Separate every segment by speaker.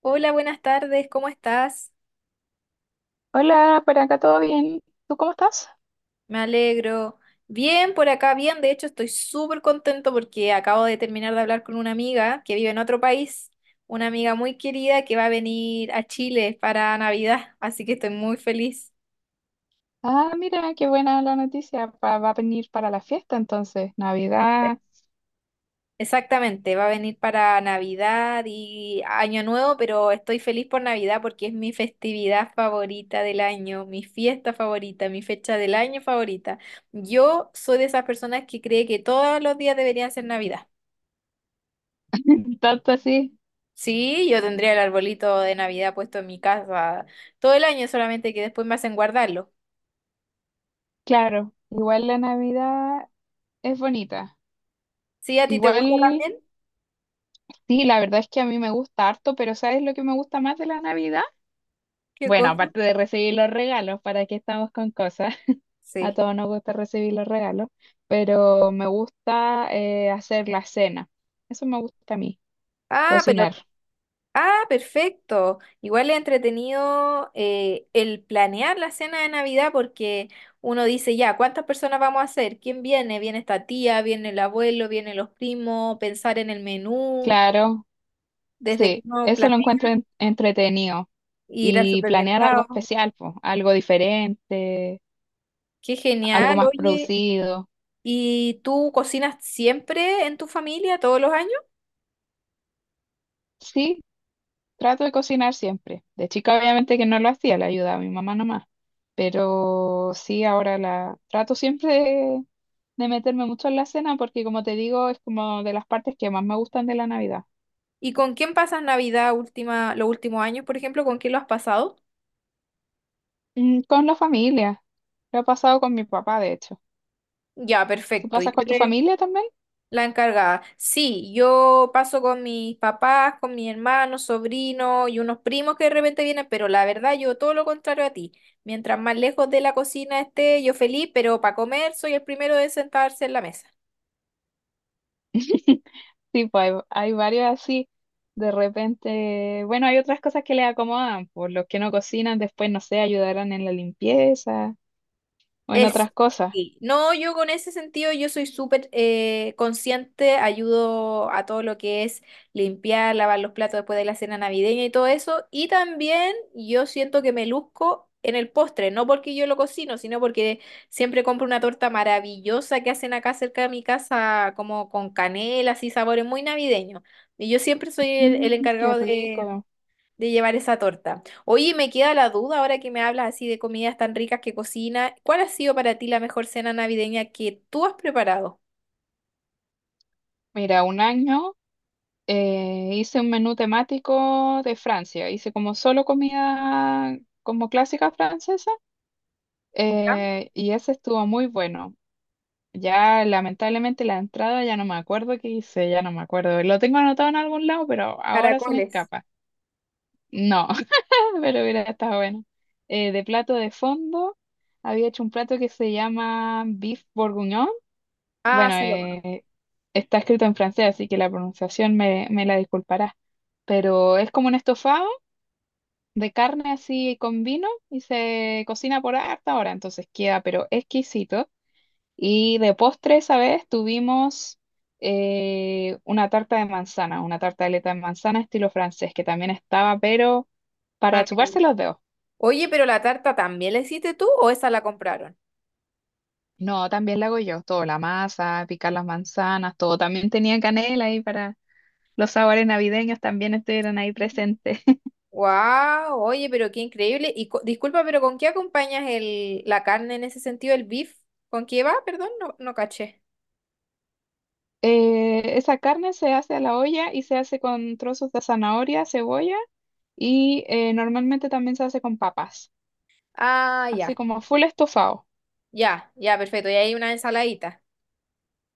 Speaker 1: Hola, buenas tardes, ¿cómo estás?
Speaker 2: Hola, por acá todo bien. ¿Tú cómo estás?
Speaker 1: Me alegro. Bien, por acá, bien. De hecho, estoy súper contento porque acabo de terminar de hablar con una amiga que vive en otro país, una amiga muy querida que va a venir a Chile para Navidad, así que estoy muy feliz.
Speaker 2: Ah, mira, qué buena la noticia. Va a venir para la fiesta entonces. Navidad,
Speaker 1: Exactamente, va a venir para Navidad y Año Nuevo, pero estoy feliz por Navidad porque es mi festividad favorita del año, mi fiesta favorita, mi fecha del año favorita. Yo soy de esas personas que cree que todos los días deberían ser Navidad.
Speaker 2: tanto así.
Speaker 1: Sí, yo tendría el arbolito de Navidad puesto en mi casa todo el año, solamente que después me hacen guardarlo.
Speaker 2: Claro, igual la Navidad es bonita.
Speaker 1: Sí, ¿a ti te
Speaker 2: Igual,
Speaker 1: gusta también?
Speaker 2: sí, la verdad es que a mí me gusta harto, pero ¿sabes lo que me gusta más de la Navidad?
Speaker 1: ¿Qué
Speaker 2: Bueno,
Speaker 1: cosa?
Speaker 2: aparte de recibir los regalos, ¿para qué estamos con cosas? A
Speaker 1: Sí.
Speaker 2: todos nos gusta recibir los regalos, pero me gusta hacer la cena. Eso me gusta a mí,
Speaker 1: Ah, pero
Speaker 2: cocinar.
Speaker 1: ah, perfecto. Igual es entretenido el planear la cena de Navidad porque uno dice, ya, ¿cuántas personas vamos a hacer? ¿Quién viene? ¿Viene esta tía? ¿Viene el abuelo? ¿Vienen los primos? Pensar en el menú,
Speaker 2: Claro.
Speaker 1: desde que
Speaker 2: Sí,
Speaker 1: uno
Speaker 2: eso lo
Speaker 1: planea
Speaker 2: encuentro entretenido.
Speaker 1: ir al
Speaker 2: Y planear algo
Speaker 1: supermercado.
Speaker 2: especial, pues, algo diferente,
Speaker 1: Qué
Speaker 2: algo
Speaker 1: genial,
Speaker 2: más
Speaker 1: oye.
Speaker 2: producido.
Speaker 1: ¿Y tú cocinas siempre en tu familia, todos los años?
Speaker 2: Sí, trato de cocinar siempre. De chica obviamente que no lo hacía, le ayudaba a mi mamá nomás. Pero sí, ahora la trato siempre de meterme mucho en la cena porque como te digo, es como de las partes que más me gustan de la Navidad.
Speaker 1: ¿Y con quién pasas Navidad última, los últimos años, por ejemplo? ¿Con quién lo has pasado?
Speaker 2: Mm, con la familia. Lo he pasado con mi papá, de hecho.
Speaker 1: Ya,
Speaker 2: ¿Tú
Speaker 1: perfecto.
Speaker 2: pasas con tu familia también?
Speaker 1: La encargada. Sí, yo paso con mis papás, con mis hermanos, sobrinos y unos primos que de repente vienen, pero la verdad yo todo lo contrario a ti. Mientras más lejos de la cocina esté, yo feliz, pero para comer soy el primero de sentarse en la mesa.
Speaker 2: Sí, pues hay varios así. De repente, bueno, hay otras cosas que les acomodan, por los que no cocinan, después, no sé, ayudarán en la limpieza o en
Speaker 1: Es,
Speaker 2: otras cosas.
Speaker 1: sí. No, yo con ese sentido yo soy súper consciente, ayudo a todo lo que es limpiar, lavar los platos después de la cena navideña y todo eso. Y también yo siento que me luzco en el postre, no porque yo lo cocino, sino porque siempre compro una torta maravillosa que hacen acá cerca de mi casa, como con canela, así sabores muy navideños. Y yo siempre soy el,
Speaker 2: Mm,
Speaker 1: el
Speaker 2: qué
Speaker 1: encargado
Speaker 2: rico.
Speaker 1: de llevar esa torta. Oye, me queda la duda ahora que me hablas así de comidas tan ricas que cocina. ¿Cuál ha sido para ti la mejor cena navideña que tú has preparado?
Speaker 2: Mira, un año hice un menú temático de Francia. Hice como solo comida como clásica francesa
Speaker 1: ¿Ya?
Speaker 2: y ese estuvo muy bueno. Ya lamentablemente la entrada ya no me acuerdo qué hice, ya no me acuerdo. Lo tengo anotado en algún lado, pero ahora se me
Speaker 1: Caracoles.
Speaker 2: escapa. No. Pero hubiera estado bueno. De plato de fondo, había hecho un plato que se llama beef bourguignon.
Speaker 1: Ah,
Speaker 2: Bueno,
Speaker 1: sí, lo conozco.
Speaker 2: está escrito en francés, así que la pronunciación me la disculpará. Pero es como un estofado de carne así con vino y se cocina por harta hora, entonces queda pero exquisito. Y de postre esa vez tuvimos una tarta de manzana, una tartaleta de manzana estilo francés, que también estaba pero para
Speaker 1: Maravilla.
Speaker 2: chuparse los dedos.
Speaker 1: Oye, pero la tarta también, ¿la hiciste tú o esa la compraron?
Speaker 2: No, también la hago yo, todo, la masa, picar las manzanas, todo. También tenía canela ahí para los sabores navideños, también estuvieron ahí presentes.
Speaker 1: Wow, oye, pero qué increíble. Disculpa, pero ¿con qué acompañas la carne en ese sentido, el beef? ¿Con qué va? Perdón, no, no caché.
Speaker 2: Esa carne se hace a la olla y se hace con trozos de zanahoria, cebolla y normalmente también se hace con papas,
Speaker 1: Ah,
Speaker 2: así
Speaker 1: ya,
Speaker 2: como full estofado.
Speaker 1: ya, ya, perfecto. Y hay una ensaladita.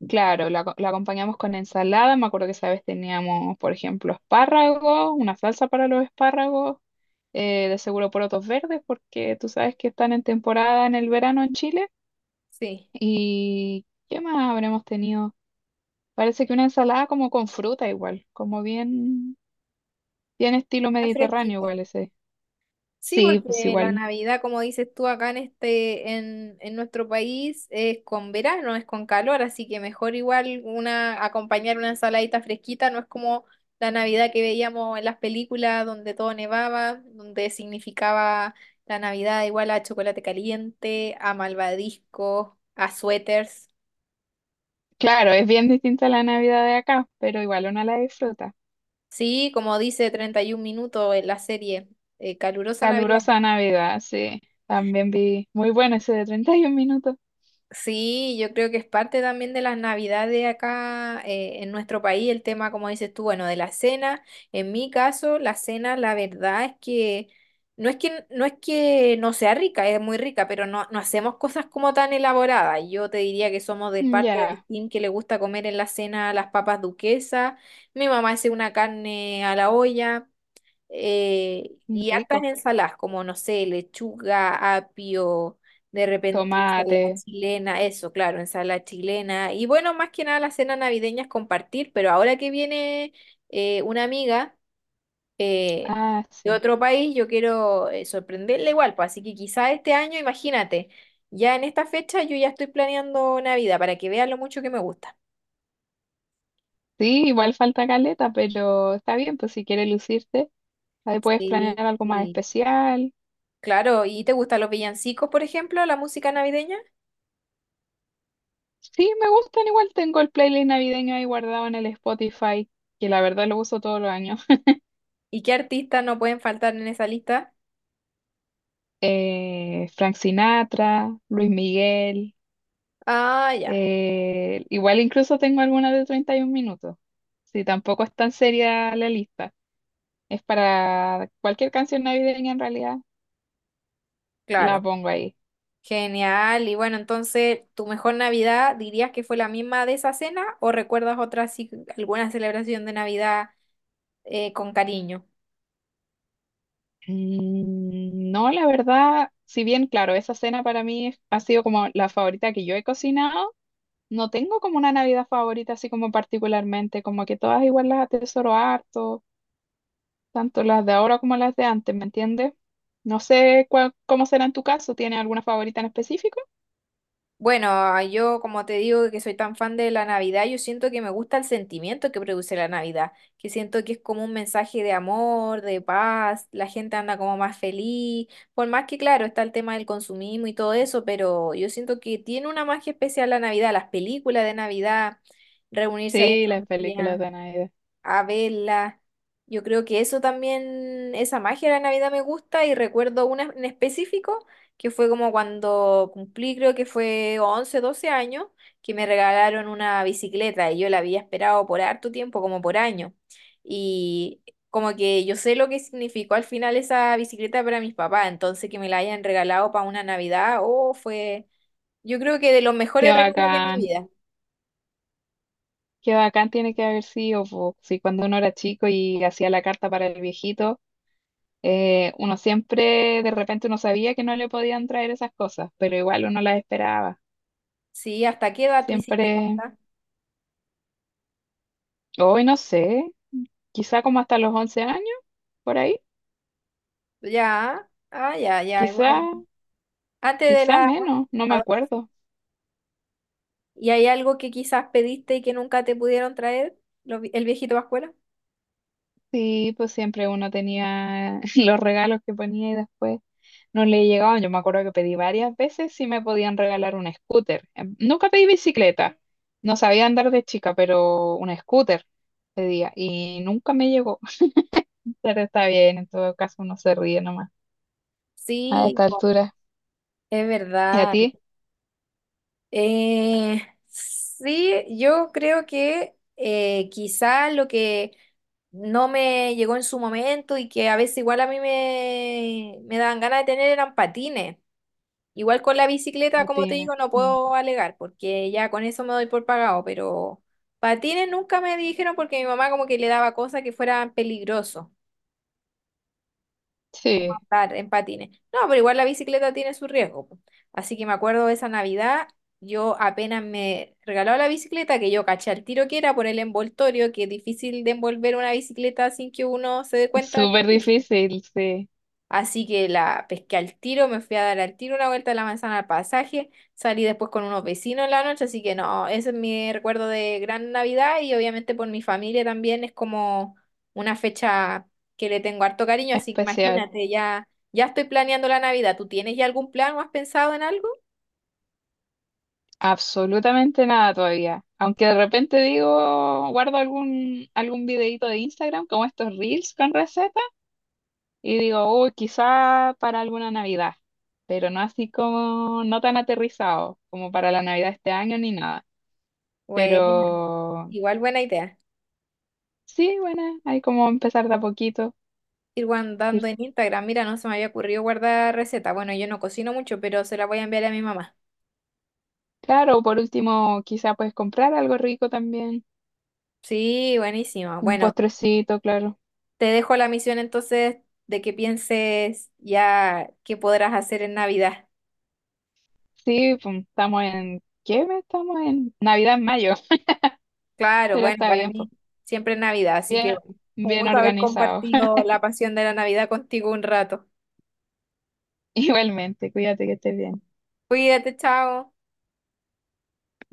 Speaker 2: Claro, la acompañamos con ensalada, me acuerdo que esa vez teníamos, por ejemplo, espárragos, una salsa para los espárragos, de seguro porotos verdes, porque tú sabes que están en temporada en el verano en Chile.
Speaker 1: Sí.
Speaker 2: ¿Y qué más habremos tenido? Parece que una ensalada como con fruta igual, como bien estilo
Speaker 1: Es
Speaker 2: mediterráneo
Speaker 1: fresquita.
Speaker 2: igual ese.
Speaker 1: Sí,
Speaker 2: Sí, pues
Speaker 1: porque la
Speaker 2: igual.
Speaker 1: Navidad, como dices tú, acá en nuestro país es con verano, es con calor, así que mejor igual una, acompañar una ensaladita fresquita, no es como la Navidad que veíamos en las películas donde todo nevaba, donde significaba la Navidad igual a chocolate caliente, a malvadiscos, a suéteres.
Speaker 2: Claro, es bien distinta la Navidad de acá, pero igual uno la disfruta.
Speaker 1: Sí, como dice 31 minutos en la serie, calurosa Navidad.
Speaker 2: Calurosa Navidad, sí. También vi muy bueno ese de treinta y un minutos.
Speaker 1: Sí, yo creo que es parte también de las navidades acá en nuestro país, el tema, como dices tú, bueno, de la cena. En mi caso, la cena, la verdad es que no es que no sea rica, es muy rica, pero no, no hacemos cosas como tan elaboradas. Yo te diría que somos de
Speaker 2: Mm.
Speaker 1: parte del
Speaker 2: Ya,
Speaker 1: team que le gusta comer en la cena las papas duquesas. Mi mamá hace una carne a la olla y hartas
Speaker 2: rico.
Speaker 1: ensaladas, como no sé, lechuga, apio, de repente
Speaker 2: Tomate.
Speaker 1: ensalada chilena, eso, claro, ensalada chilena. Y bueno, más que nada la cena navideña es compartir, pero ahora que viene una amiga eh,
Speaker 2: Ah,
Speaker 1: de
Speaker 2: sí.
Speaker 1: otro país, yo quiero sorprenderla igual, pues así que quizá este año, imagínate, ya en esta fecha yo ya estoy planeando Navidad para que vean lo mucho que me gusta.
Speaker 2: Sí, igual falta caleta, pero está bien, pues si quieres lucirte, ahí puedes
Speaker 1: Sí,
Speaker 2: planear algo más
Speaker 1: sí.
Speaker 2: especial.
Speaker 1: Claro, ¿y te gustan los villancicos, por ejemplo, la música navideña?
Speaker 2: Sí, me gustan igual. Tengo el playlist navideño ahí guardado en el Spotify, que la verdad lo uso todos los años.
Speaker 1: ¿Y qué artistas no pueden faltar en esa lista?
Speaker 2: Frank Sinatra, Luis Miguel.
Speaker 1: Ah, ya,
Speaker 2: Igual incluso tengo algunas de 31 minutos. Sí, tampoco es tan seria la lista. Es para cualquier canción navideña en realidad, la
Speaker 1: claro.
Speaker 2: pongo ahí.
Speaker 1: Genial. Y bueno, entonces, ¿tu mejor Navidad dirías que fue la misma de esa cena o recuerdas otra, así, alguna celebración de Navidad con cariño?
Speaker 2: Mm. No, la verdad, si bien, claro, esa cena para mí ha sido como la favorita que yo he cocinado. No tengo como una Navidad favorita, así como particularmente, como que todas igual las atesoro harto, tanto las de ahora como las de antes, ¿me entiendes? No sé cuál, cómo será en tu caso, ¿tienes alguna favorita en específico?
Speaker 1: Bueno, yo como te digo que soy tan fan de la Navidad, yo siento que me gusta el sentimiento que produce la Navidad, que siento que es como un mensaje de amor, de paz, la gente anda como más feliz, por más que claro, está el tema del consumismo y todo eso, pero yo siento que tiene una magia especial la Navidad, las películas de Navidad, reunirse ahí en
Speaker 2: Sí, las películas
Speaker 1: familia
Speaker 2: de Navidad.
Speaker 1: a verla. Yo creo que eso también, esa magia de la Navidad me gusta y recuerdo una en específico que fue como cuando cumplí, creo que fue 11, 12 años, que me regalaron una bicicleta y yo la había esperado por harto tiempo, como por año. Y como que yo sé lo que significó al final esa bicicleta para mis papás, entonces que me la hayan regalado para una Navidad, oh, fue, yo creo que de los
Speaker 2: Qué
Speaker 1: mejores regalos de mi
Speaker 2: bacán,
Speaker 1: vida.
Speaker 2: qué bacán tiene que haber sido, po. Sí, cuando uno era chico y hacía la carta para el viejito, uno siempre, de repente uno sabía que no le podían traer esas cosas, pero igual uno las esperaba.
Speaker 1: Sí, ¿hasta qué edad tú hiciste
Speaker 2: Siempre,
Speaker 1: carta?
Speaker 2: hoy no sé, quizá como hasta los 11 años, por ahí.
Speaker 1: Ya, ah, ya, ya,
Speaker 2: Quizá,
Speaker 1: igual. Antes de
Speaker 2: quizá
Speaker 1: la...
Speaker 2: menos, no me
Speaker 1: ado-
Speaker 2: acuerdo.
Speaker 1: ¿Y hay algo que quizás pediste y que nunca te pudieron traer? ¿El viejito Pascuela?
Speaker 2: Sí, pues siempre uno tenía los regalos que ponía y después no le llegaban. Yo me acuerdo que pedí varias veces si me podían regalar un scooter. Nunca pedí bicicleta, no sabía andar de chica, pero un scooter pedía y nunca me llegó. Pero está bien, en todo caso uno se ríe nomás a
Speaker 1: Sí,
Speaker 2: esta
Speaker 1: po,
Speaker 2: altura.
Speaker 1: es
Speaker 2: ¿Y a
Speaker 1: verdad.
Speaker 2: ti?
Speaker 1: Eh, sí, yo creo que quizás lo que no me llegó en su momento y que a veces igual a mí me daban ganas de tener eran patines. Igual con la
Speaker 2: A
Speaker 1: bicicleta, como
Speaker 2: ti,
Speaker 1: te
Speaker 2: no.
Speaker 1: digo, no
Speaker 2: Mm.
Speaker 1: puedo alegar porque ya con eso me doy por pagado, pero patines nunca me dijeron porque mi mamá como que le daba cosas que fueran peligrosos
Speaker 2: Sí,
Speaker 1: andar en patines. No, pero igual la bicicleta tiene su riesgo, po. Así que me acuerdo de esa Navidad, yo apenas me regaló la bicicleta, que yo caché al tiro que era por el envoltorio, que es difícil de envolver una bicicleta sin que uno se dé cuenta que
Speaker 2: súper
Speaker 1: es.
Speaker 2: difícil, sí,
Speaker 1: Así que la pesqué al tiro, me fui a dar al tiro una vuelta a la manzana al pasaje, salí después con unos vecinos en la noche, así que no, ese es mi recuerdo de gran Navidad y obviamente por mi familia también es como una fecha que le tengo harto cariño, así que
Speaker 2: especial.
Speaker 1: imagínate, ya, ya estoy planeando la Navidad. ¿Tú tienes ya algún plan o has pensado en algo?
Speaker 2: Absolutamente nada todavía. Aunque de repente digo, guardo algún videito de Instagram, como estos reels con recetas, y digo, uy, quizá para alguna Navidad, pero no así como, no tan aterrizado como para la Navidad este año ni nada.
Speaker 1: Bueno,
Speaker 2: Pero
Speaker 1: igual buena idea.
Speaker 2: sí, bueno, hay como empezar de a poquito.
Speaker 1: Ir
Speaker 2: Ir,
Speaker 1: guardando en Instagram, mira, no se me había ocurrido guardar receta. Bueno, yo no cocino mucho, pero se la voy a enviar a mi mamá.
Speaker 2: claro, por último, quizá puedes comprar algo rico también,
Speaker 1: Sí, buenísimo.
Speaker 2: un
Speaker 1: Bueno.
Speaker 2: postrecito, claro.
Speaker 1: Te dejo la misión entonces de que pienses ya qué podrás hacer en Navidad.
Speaker 2: Sí, pum, estamos en, ¿qué mes estamos en? Navidad en mayo,
Speaker 1: Claro,
Speaker 2: pero
Speaker 1: bueno,
Speaker 2: está
Speaker 1: para
Speaker 2: bien, pues.
Speaker 1: mí siempre es Navidad, así que
Speaker 2: Bien,
Speaker 1: bueno, un
Speaker 2: bien
Speaker 1: gusto haber
Speaker 2: organizado.
Speaker 1: compartido la pasión de la Navidad contigo un rato.
Speaker 2: Igualmente, cuídate que estés bien.
Speaker 1: Cuídate, chao.